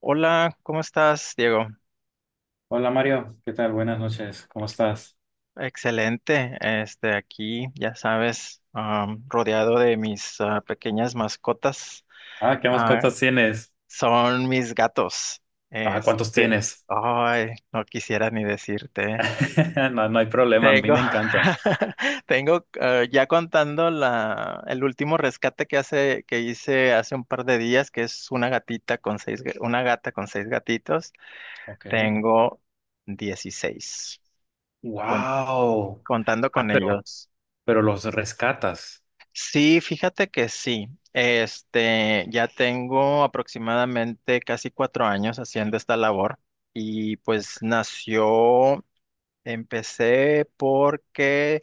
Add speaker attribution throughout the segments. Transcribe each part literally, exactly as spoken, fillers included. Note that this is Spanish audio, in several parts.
Speaker 1: Hola, ¿cómo estás, Diego?
Speaker 2: Hola Mario, ¿qué tal? Buenas noches, ¿cómo estás?
Speaker 1: Excelente. Este, aquí, ya sabes, am, rodeado de mis ah, pequeñas mascotas.
Speaker 2: Ah, ¿qué más
Speaker 1: Ah,
Speaker 2: mascotas tienes?
Speaker 1: Son mis gatos.
Speaker 2: Ah, ¿cuántos
Speaker 1: Este,
Speaker 2: tienes?
Speaker 1: ay, no quisiera ni decirte.
Speaker 2: No, no hay problema, a mí
Speaker 1: Tengo,
Speaker 2: me encantan.
Speaker 1: tengo, ah, ya contando la, el último rescate que hace, que hice hace un par de días, que es una gatita con seis, ga- una gata con seis gatitos.
Speaker 2: Ok.
Speaker 1: Tengo dieciséis.
Speaker 2: Wow.
Speaker 1: Contando
Speaker 2: Ah,
Speaker 1: con
Speaker 2: pero,
Speaker 1: ellos.
Speaker 2: pero los rescatas.
Speaker 1: Sí, fíjate que sí. Este, ya tengo aproximadamente casi cuatro años haciendo esta labor y pues
Speaker 2: Ok,
Speaker 1: nació, empecé porque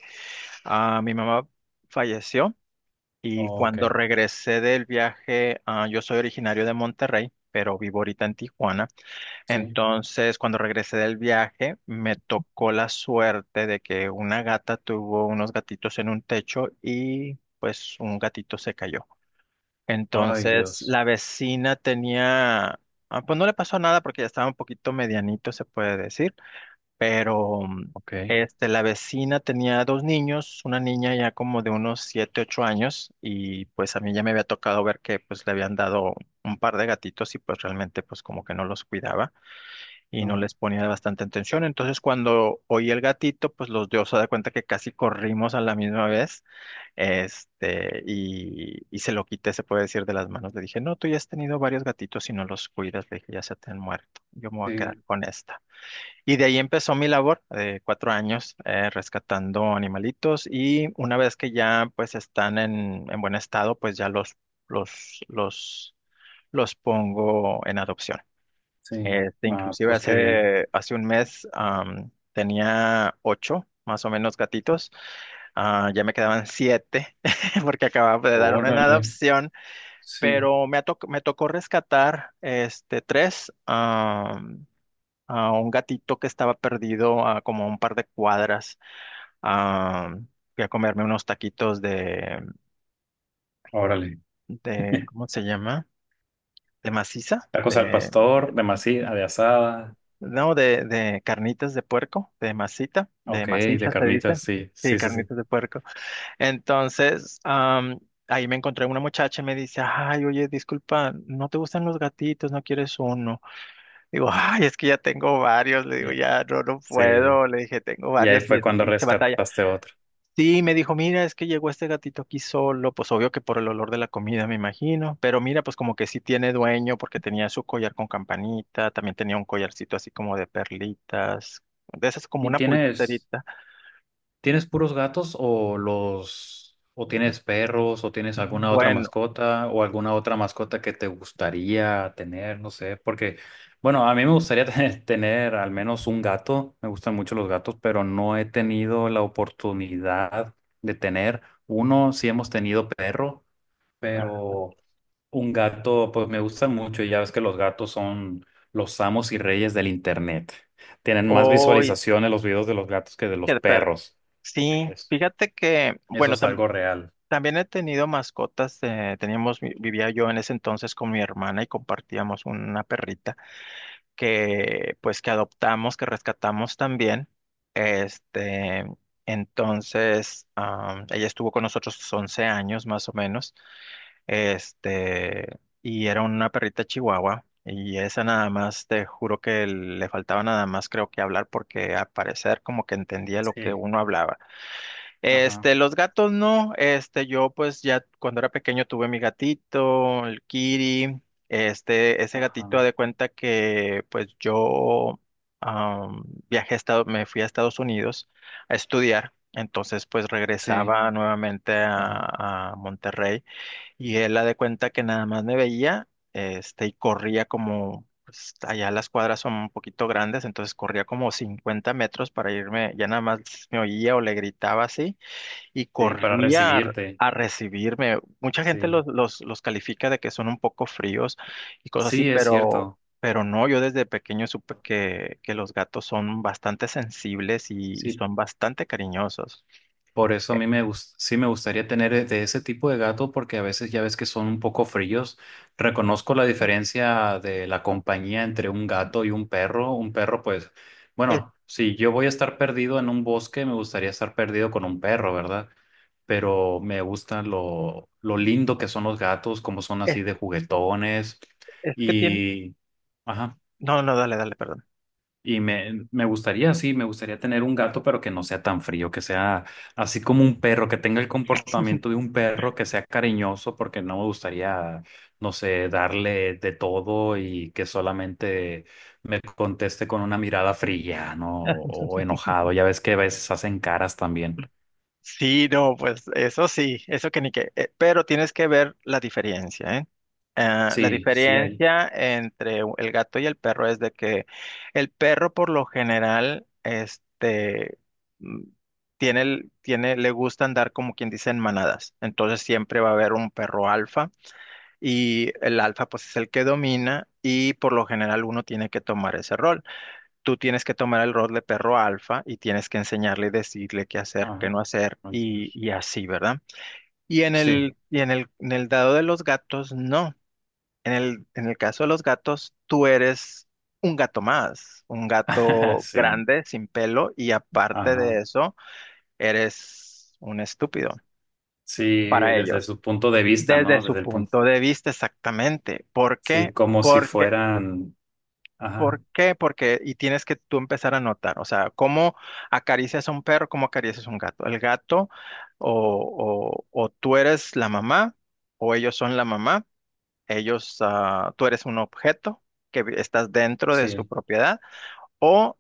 Speaker 1: ah, mi mamá falleció y
Speaker 2: Ok,
Speaker 1: cuando regresé del viaje, ah, yo soy originario de Monterrey, pero vivo ahorita en Tijuana.
Speaker 2: sí.
Speaker 1: Entonces, cuando regresé del viaje, me tocó la suerte de que una gata tuvo unos gatitos en un techo y pues un gatito se cayó.
Speaker 2: Ay,
Speaker 1: Entonces,
Speaker 2: Dios.
Speaker 1: la vecina tenía, ah, pues no le pasó nada porque ya estaba un poquito medianito, se puede decir, pero mm,
Speaker 2: Ok.
Speaker 1: este, la vecina tenía dos niños, una niña ya como de unos siete, ocho años y pues a mí ya me había tocado ver que pues le habían dado un par de gatitos y pues realmente pues como que no los cuidaba y
Speaker 2: Ah,
Speaker 1: no les ponía bastante atención. Entonces, cuando oí el gatito, pues los dos se da cuenta que casi corrimos a la misma vez, este, y, y se lo quité, se puede decir, de las manos. Le dije, no, tú ya has tenido varios gatitos y no los cuidas, le dije, ya se te han muerto, yo me voy a quedar
Speaker 2: sí,
Speaker 1: con esta. Y de ahí empezó mi labor de cuatro años eh, rescatando animalitos, y una vez que ya pues están en, en buen estado, pues ya los, los, los, los pongo en adopción.
Speaker 2: sí.
Speaker 1: Este,
Speaker 2: Ah,
Speaker 1: inclusive
Speaker 2: pues qué bien.
Speaker 1: hace, hace un mes, am, tenía ocho, más o menos, gatitos. Ah, ya me quedaban siete porque acababa de dar una en
Speaker 2: Órale,
Speaker 1: adopción,
Speaker 2: sí,
Speaker 1: pero me, ha toc- me tocó rescatar, este, tres, am, a un gatito que estaba perdido a como un par de cuadras. am, Fui a comerme unos taquitos de,
Speaker 2: órale.
Speaker 1: de, ¿cómo se llama? De maciza.
Speaker 2: Tacos al pastor, de masita, de asada.
Speaker 1: No, de, de carnitas de puerco, de masita, de
Speaker 2: Ok, de
Speaker 1: maciza se dice.
Speaker 2: carnitas, sí,
Speaker 1: Sí,
Speaker 2: sí, sí, sí.
Speaker 1: carnitas de puerco. Entonces, am, ahí me encontré una muchacha y me dice, ay, oye, disculpa, ¿no te gustan los gatitos? ¿No quieres uno? Digo, ay, es que ya tengo varios. Le digo,
Speaker 2: Ya.
Speaker 1: ya, no, no
Speaker 2: Sí.
Speaker 1: puedo. Le dije, tengo
Speaker 2: Y ahí
Speaker 1: varios y,
Speaker 2: fue cuando
Speaker 1: y se batalla.
Speaker 2: rescataste otro.
Speaker 1: Sí, me dijo, mira, es que llegó este gatito aquí solo, pues obvio que por el olor de la comida, me imagino, pero mira, pues como que sí tiene dueño porque tenía su collar con campanita, también tenía un collarcito así como de perlitas, de esas como
Speaker 2: ¿Y
Speaker 1: una
Speaker 2: tienes,
Speaker 1: pulserita.
Speaker 2: tienes puros gatos o los, o tienes perros o tienes alguna otra
Speaker 1: Bueno,
Speaker 2: mascota o alguna otra mascota que te gustaría tener? No sé, porque, bueno, a mí me gustaría tener, tener al menos un gato. Me gustan mucho los gatos, pero no he tenido la oportunidad de tener uno. Sí hemos tenido perro, pero un gato, pues me gustan mucho y ya ves que los gatos son los amos y reyes del internet. Tienen más
Speaker 1: hoy,
Speaker 2: visualizaciones los videos de los gatos que de los perros.
Speaker 1: sí,
Speaker 2: Pues,
Speaker 1: fíjate que,
Speaker 2: eso
Speaker 1: bueno,
Speaker 2: es
Speaker 1: tam-
Speaker 2: algo real.
Speaker 1: también he tenido mascotas, eh, teníamos, vi- vivía yo en ese entonces con mi hermana y compartíamos una perrita que pues que adoptamos, que rescatamos también. Este, entonces, am, ella estuvo con nosotros once años más o menos. Este, y era una perrita chihuahua. Y esa nada más, te juro que le faltaba nada más, creo que hablar, porque al parecer como que entendía lo que
Speaker 2: Sí,
Speaker 1: uno hablaba.
Speaker 2: ajá,
Speaker 1: Este, los gatos no, este, yo pues ya cuando era pequeño tuve mi gatito, el Kiri, este, ese
Speaker 2: ajá,
Speaker 1: gatito haz de cuenta que pues yo am, viajé a Estados, me fui a Estados Unidos a estudiar, entonces pues
Speaker 2: sí,
Speaker 1: regresaba nuevamente
Speaker 2: ajá.
Speaker 1: a, a Monterrey, y él haz de cuenta que nada más me veía, este, y corría como, pues, allá las cuadras son un poquito grandes, entonces corría como cincuenta metros para irme, ya nada más me oía o le gritaba así y
Speaker 2: Sí, para
Speaker 1: corría a,
Speaker 2: recibirte.
Speaker 1: a recibirme. Mucha gente
Speaker 2: Sí,
Speaker 1: los, los, los califica de que son un poco fríos y cosas así,
Speaker 2: sí, es
Speaker 1: pero,
Speaker 2: cierto.
Speaker 1: pero no, yo desde pequeño supe que, que los gatos son bastante sensibles y, y
Speaker 2: Sí,
Speaker 1: son bastante cariñosos.
Speaker 2: por eso a
Speaker 1: Eh,
Speaker 2: mí me gus- sí me gustaría tener e- de ese tipo de gato porque a veces ya ves que son un poco fríos. Reconozco la diferencia de la compañía entre un gato y un perro. Un perro, pues,
Speaker 1: Es,
Speaker 2: bueno, si yo voy a estar perdido en un bosque, me gustaría estar perdido con un perro, ¿verdad? Pero me gusta lo, lo lindo que son los gatos, como son
Speaker 1: es,
Speaker 2: así de juguetones
Speaker 1: es que tienen...
Speaker 2: y... Ajá.
Speaker 1: No, no, dale, dale, perdón.
Speaker 2: Y me, me gustaría, sí, me gustaría tener un gato, pero que no sea tan frío, que sea así como un perro, que tenga el comportamiento de un perro, que sea cariñoso, porque no me gustaría, no sé, darle de todo y que solamente me conteste con una mirada fría, ¿no? O, o enojado. Ya ves que a veces hacen caras también.
Speaker 1: Sí, no, pues eso sí, eso que ni qué. Eh, pero tienes que ver la diferencia, ¿eh? Ah, la
Speaker 2: Sí, sí, ahí.
Speaker 1: diferencia entre u- el gato y el perro es de que el perro por lo general, este, mm, tiene, el- tiene, le gusta andar como quien dice en manadas. Entonces siempre va a haber un perro alfa, y el alfa pues es el que domina, y por lo general uno tiene que tomar ese rol. Tú tienes que tomar el rol de perro alfa y tienes que enseñarle y decirle qué hacer, qué
Speaker 2: Ajá.
Speaker 1: no hacer
Speaker 2: Ay,
Speaker 1: y,
Speaker 2: Dios.
Speaker 1: y así, ¿verdad? Y en
Speaker 2: Sí,
Speaker 1: el, y en el, en el dado de los gatos, no. En el, en el caso de los gatos, tú eres un gato más, un gato
Speaker 2: sí,
Speaker 1: grande, sin pelo y aparte de
Speaker 2: ajá.
Speaker 1: eso, eres un estúpido
Speaker 2: Sí,
Speaker 1: para
Speaker 2: desde
Speaker 1: ellos,
Speaker 2: su punto de vista,
Speaker 1: desde
Speaker 2: ¿no?
Speaker 1: su
Speaker 2: Desde el punto.
Speaker 1: punto de vista exactamente. ¿Por
Speaker 2: Sí,
Speaker 1: qué?
Speaker 2: como si
Speaker 1: Porque
Speaker 2: fueran.
Speaker 1: ¿Por
Speaker 2: Ajá,
Speaker 1: qué? Porque, y tienes que tú empezar a notar, o sea, cómo acaricias a un perro, cómo acaricias a un gato. El gato, o, o- o tú eres la mamá, o ellos son la mamá, ellos, ah, tú eres un objeto que vi- estás dentro de su
Speaker 2: sí,
Speaker 1: propiedad, o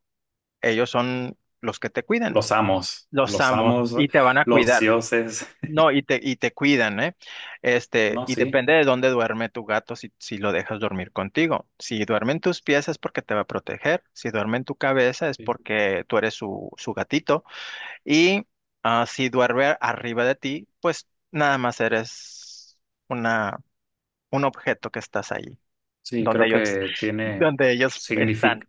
Speaker 1: ellos son los que te cuidan,
Speaker 2: los amos,
Speaker 1: los
Speaker 2: los
Speaker 1: amos,
Speaker 2: amos,
Speaker 1: y te van a
Speaker 2: los
Speaker 1: cuidar.
Speaker 2: dioses.
Speaker 1: No, y te, y te cuidan, ¿eh? Este,
Speaker 2: No,
Speaker 1: y
Speaker 2: sí,
Speaker 1: depende de dónde duerme tu gato, si, si lo dejas dormir contigo. Si duerme en tus pies es porque te va a proteger. Si duerme en tu cabeza es
Speaker 2: sí,
Speaker 1: porque tú eres su, su gatito. Y ah, si duerme arriba de ti, pues nada más eres una, un objeto que estás ahí,
Speaker 2: sí,
Speaker 1: donde
Speaker 2: creo
Speaker 1: ellos,
Speaker 2: que tiene
Speaker 1: donde ellos están.
Speaker 2: signific-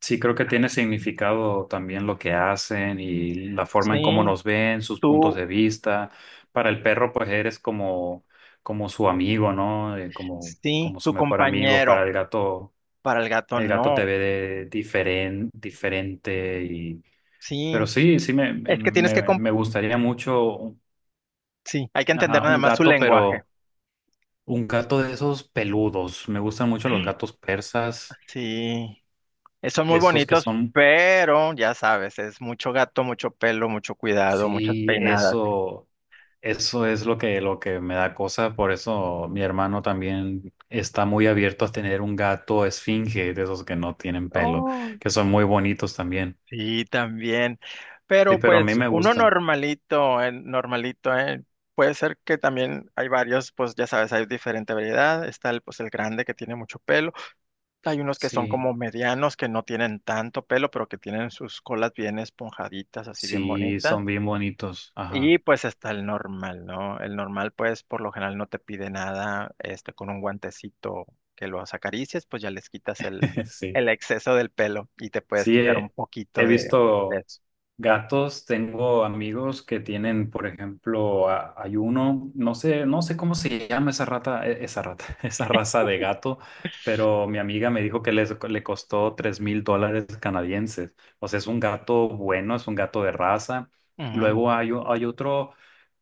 Speaker 2: sí, creo que tiene significado también lo que hacen y la forma
Speaker 1: Sí,
Speaker 2: en cómo nos ven, sus puntos
Speaker 1: tú,
Speaker 2: de vista. Para el perro, pues eres como, como su amigo, ¿no? Eh, como,
Speaker 1: sí,
Speaker 2: como su
Speaker 1: su
Speaker 2: mejor amigo. Para
Speaker 1: compañero.
Speaker 2: el gato,
Speaker 1: Para el gato
Speaker 2: el gato te
Speaker 1: no.
Speaker 2: ve de diferen- diferente y pero
Speaker 1: Sí,
Speaker 2: sí, sí me,
Speaker 1: es que tienes que...
Speaker 2: me, me gustaría mucho.
Speaker 1: Sí, hay que entender
Speaker 2: Ajá,
Speaker 1: nada
Speaker 2: un
Speaker 1: más su
Speaker 2: gato,
Speaker 1: lenguaje.
Speaker 2: pero un gato de esos peludos. Me gustan mucho los gatos persas,
Speaker 1: Sí, eh, son muy
Speaker 2: esos que
Speaker 1: bonitos,
Speaker 2: son,
Speaker 1: pero ya sabes, es mucho gato, mucho pelo, mucho cuidado, muchas
Speaker 2: sí,
Speaker 1: peinadas.
Speaker 2: eso, eso es lo que, lo que me da cosa. Por eso mi hermano también está muy abierto a tener un gato esfinge, de esos que no tienen pelo,
Speaker 1: Oh,
Speaker 2: que son muy bonitos también.
Speaker 1: sí, también.
Speaker 2: Sí,
Speaker 1: Pero
Speaker 2: pero a mí
Speaker 1: pues
Speaker 2: me
Speaker 1: uno
Speaker 2: gustan.
Speaker 1: normalito, eh, normalito, eh, Puede ser que también hay varios, pues ya sabes, hay diferente variedad. Está el, pues el grande que tiene mucho pelo. Hay unos que son
Speaker 2: Sí,
Speaker 1: como medianos que no tienen tanto pelo, pero que tienen sus colas bien esponjaditas, así bien
Speaker 2: sí,
Speaker 1: bonitas.
Speaker 2: son bien bonitos. Ajá,
Speaker 1: Y pues está el normal, ¿no? El normal, pues por lo general no te pide nada, este, con un guantecito que los acaricias, pues ya les quitas el,
Speaker 2: sí,
Speaker 1: el exceso del pelo y te puedes
Speaker 2: sí,
Speaker 1: quitar un
Speaker 2: he he
Speaker 1: poquito de, de
Speaker 2: visto.
Speaker 1: eso.
Speaker 2: Gatos, tengo amigos que tienen, por ejemplo, a- hay uno, no sé, no sé cómo se llama esa rata, e- esa rata, esa raza de gato, pero mi amiga me dijo que les, le costó tres mil dólares canadienses. O sea, es un gato bueno, es un gato de raza.
Speaker 1: Ujú.
Speaker 2: Luego hay, o- hay otro,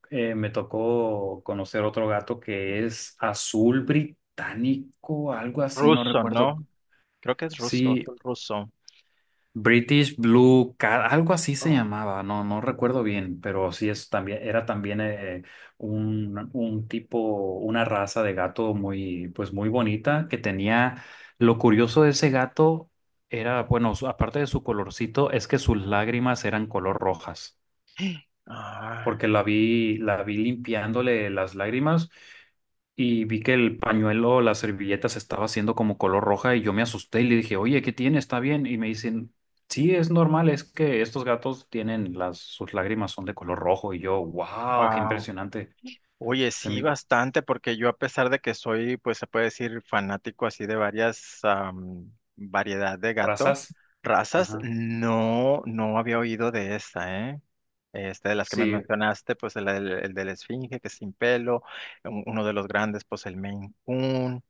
Speaker 2: eh, me tocó conocer otro gato que es azul británico, algo así, no
Speaker 1: Ruso,
Speaker 2: recuerdo.
Speaker 1: ¿no? Creo que es ruso,
Speaker 2: Sí,
Speaker 1: azul ruso.
Speaker 2: British Blue Cat, algo así se
Speaker 1: Oh.
Speaker 2: llamaba, no, no recuerdo bien, pero sí es también, era también eh, un, un tipo, una raza de gato muy, pues muy bonita que tenía, lo curioso de ese gato era, bueno, su- aparte de su colorcito, es que sus lágrimas eran color rojas
Speaker 1: Ay,
Speaker 2: porque la vi, la vi limpiándole las lágrimas y vi que el pañuelo, la servilleta se estaba haciendo como color roja y yo me asusté y le dije, oye, ¿qué tiene? ¿Está bien? Y me dicen, sí, es normal, es que estos gatos tienen las, sus lágrimas son de color rojo y yo, wow, qué
Speaker 1: wow.
Speaker 2: impresionante.
Speaker 1: Oye,
Speaker 2: Se
Speaker 1: sí,
Speaker 2: me...
Speaker 1: bastante, porque yo a pesar de que soy, pues se puede decir, fanático así de varias, am, variedad de gato,
Speaker 2: Razas.
Speaker 1: razas,
Speaker 2: Ajá.
Speaker 1: no, no había oído de esta, ¿eh? Este, de las que me
Speaker 2: Sí,
Speaker 1: mencionaste, pues el, del el de la Esfinge, que es sin pelo, un- uno de los grandes, pues el Maine Coon.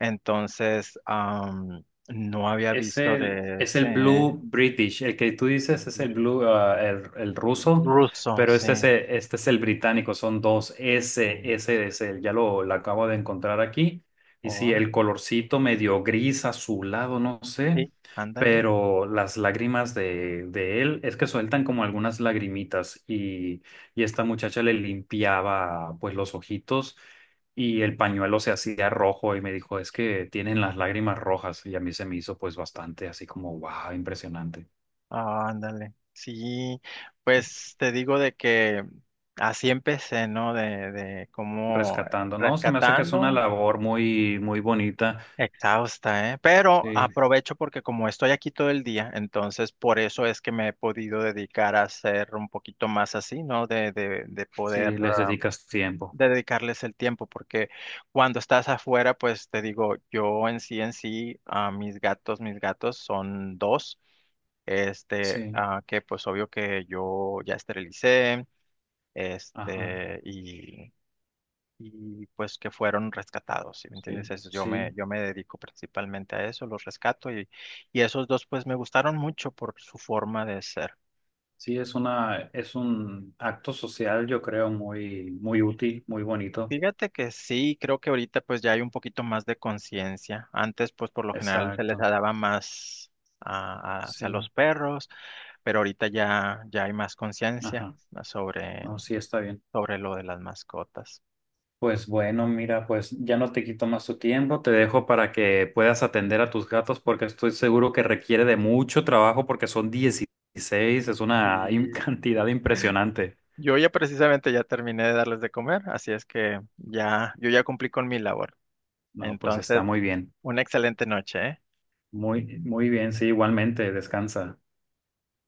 Speaker 1: Entonces, am, no había
Speaker 2: es
Speaker 1: visto
Speaker 2: el,
Speaker 1: de
Speaker 2: es el
Speaker 1: ese
Speaker 2: Blue British, el que tú dices es el Blue, ah, el, el ruso,
Speaker 1: ruso,
Speaker 2: pero
Speaker 1: sí.
Speaker 2: este es el, este es el británico, son dos S,
Speaker 1: Mm.
Speaker 2: S es el, ya lo, lo acabo de encontrar aquí. Y sí, el
Speaker 1: Órale,
Speaker 2: colorcito medio gris, azulado, no sé,
Speaker 1: sí, ándale,
Speaker 2: pero las lágrimas de, de él es que sueltan como algunas lagrimitas y, y esta muchacha le limpiaba pues los ojitos y el pañuelo se hacía rojo y me dijo, es que tienen las lágrimas rojas. Y a mí se me hizo pues bastante así como, wow, impresionante.
Speaker 1: ah, ándale. Sí,
Speaker 2: Sí.
Speaker 1: pues te digo de que así empecé, ¿no? De, de cómo
Speaker 2: Rescatando, ¿no? Se me hace que es una
Speaker 1: rescatando.
Speaker 2: labor muy, muy bonita.
Speaker 1: Exhausta, ¿eh? Pero
Speaker 2: Sí.
Speaker 1: aprovecho porque como estoy aquí todo el día, entonces por eso es que me he podido dedicar a ser un poquito más así, ¿no? De, de, de
Speaker 2: Sí,
Speaker 1: poder,
Speaker 2: les
Speaker 1: ah,
Speaker 2: dedicas tiempo.
Speaker 1: de dedicarles el tiempo, porque cuando estás afuera, pues te digo, yo en sí, en sí, a mis gatos, mis gatos, son dos, este,
Speaker 2: Sí.
Speaker 1: ah, que pues obvio que yo ya esterilicé,
Speaker 2: Ajá.
Speaker 1: este, y y pues que fueron rescatados, ¿sí me
Speaker 2: Sí.
Speaker 1: entiendes? Eso, yo me,
Speaker 2: Sí.
Speaker 1: yo me dedico principalmente a eso, los rescato y, y esos dos pues me gustaron mucho por su forma de ser.
Speaker 2: Sí, es una, es un acto social, yo creo, muy, muy útil, muy bonito.
Speaker 1: Fíjate que sí, creo que ahorita pues ya hay un poquito más de conciencia. Antes pues por lo general se les
Speaker 2: Exacto.
Speaker 1: daba más a- a- hacia los
Speaker 2: Sí.
Speaker 1: perros, pero ahorita ya, ya hay más conciencia
Speaker 2: Ajá.
Speaker 1: sobre,
Speaker 2: No, sí, está bien.
Speaker 1: sobre lo de las mascotas.
Speaker 2: Pues bueno, mira, pues ya no te quito más tu tiempo, te dejo para que puedas atender a tus gatos porque estoy seguro que requiere de mucho trabajo porque son dieciséis, es una im-
Speaker 1: Y
Speaker 2: cantidad impresionante.
Speaker 1: yo ya precisamente ya terminé de darles de comer, así es que ya, yo ya cumplí con mi labor.
Speaker 2: No, pues está
Speaker 1: Entonces,
Speaker 2: muy bien,
Speaker 1: una excelente noche, ¿eh?
Speaker 2: muy, muy bien, sí, igualmente, descansa.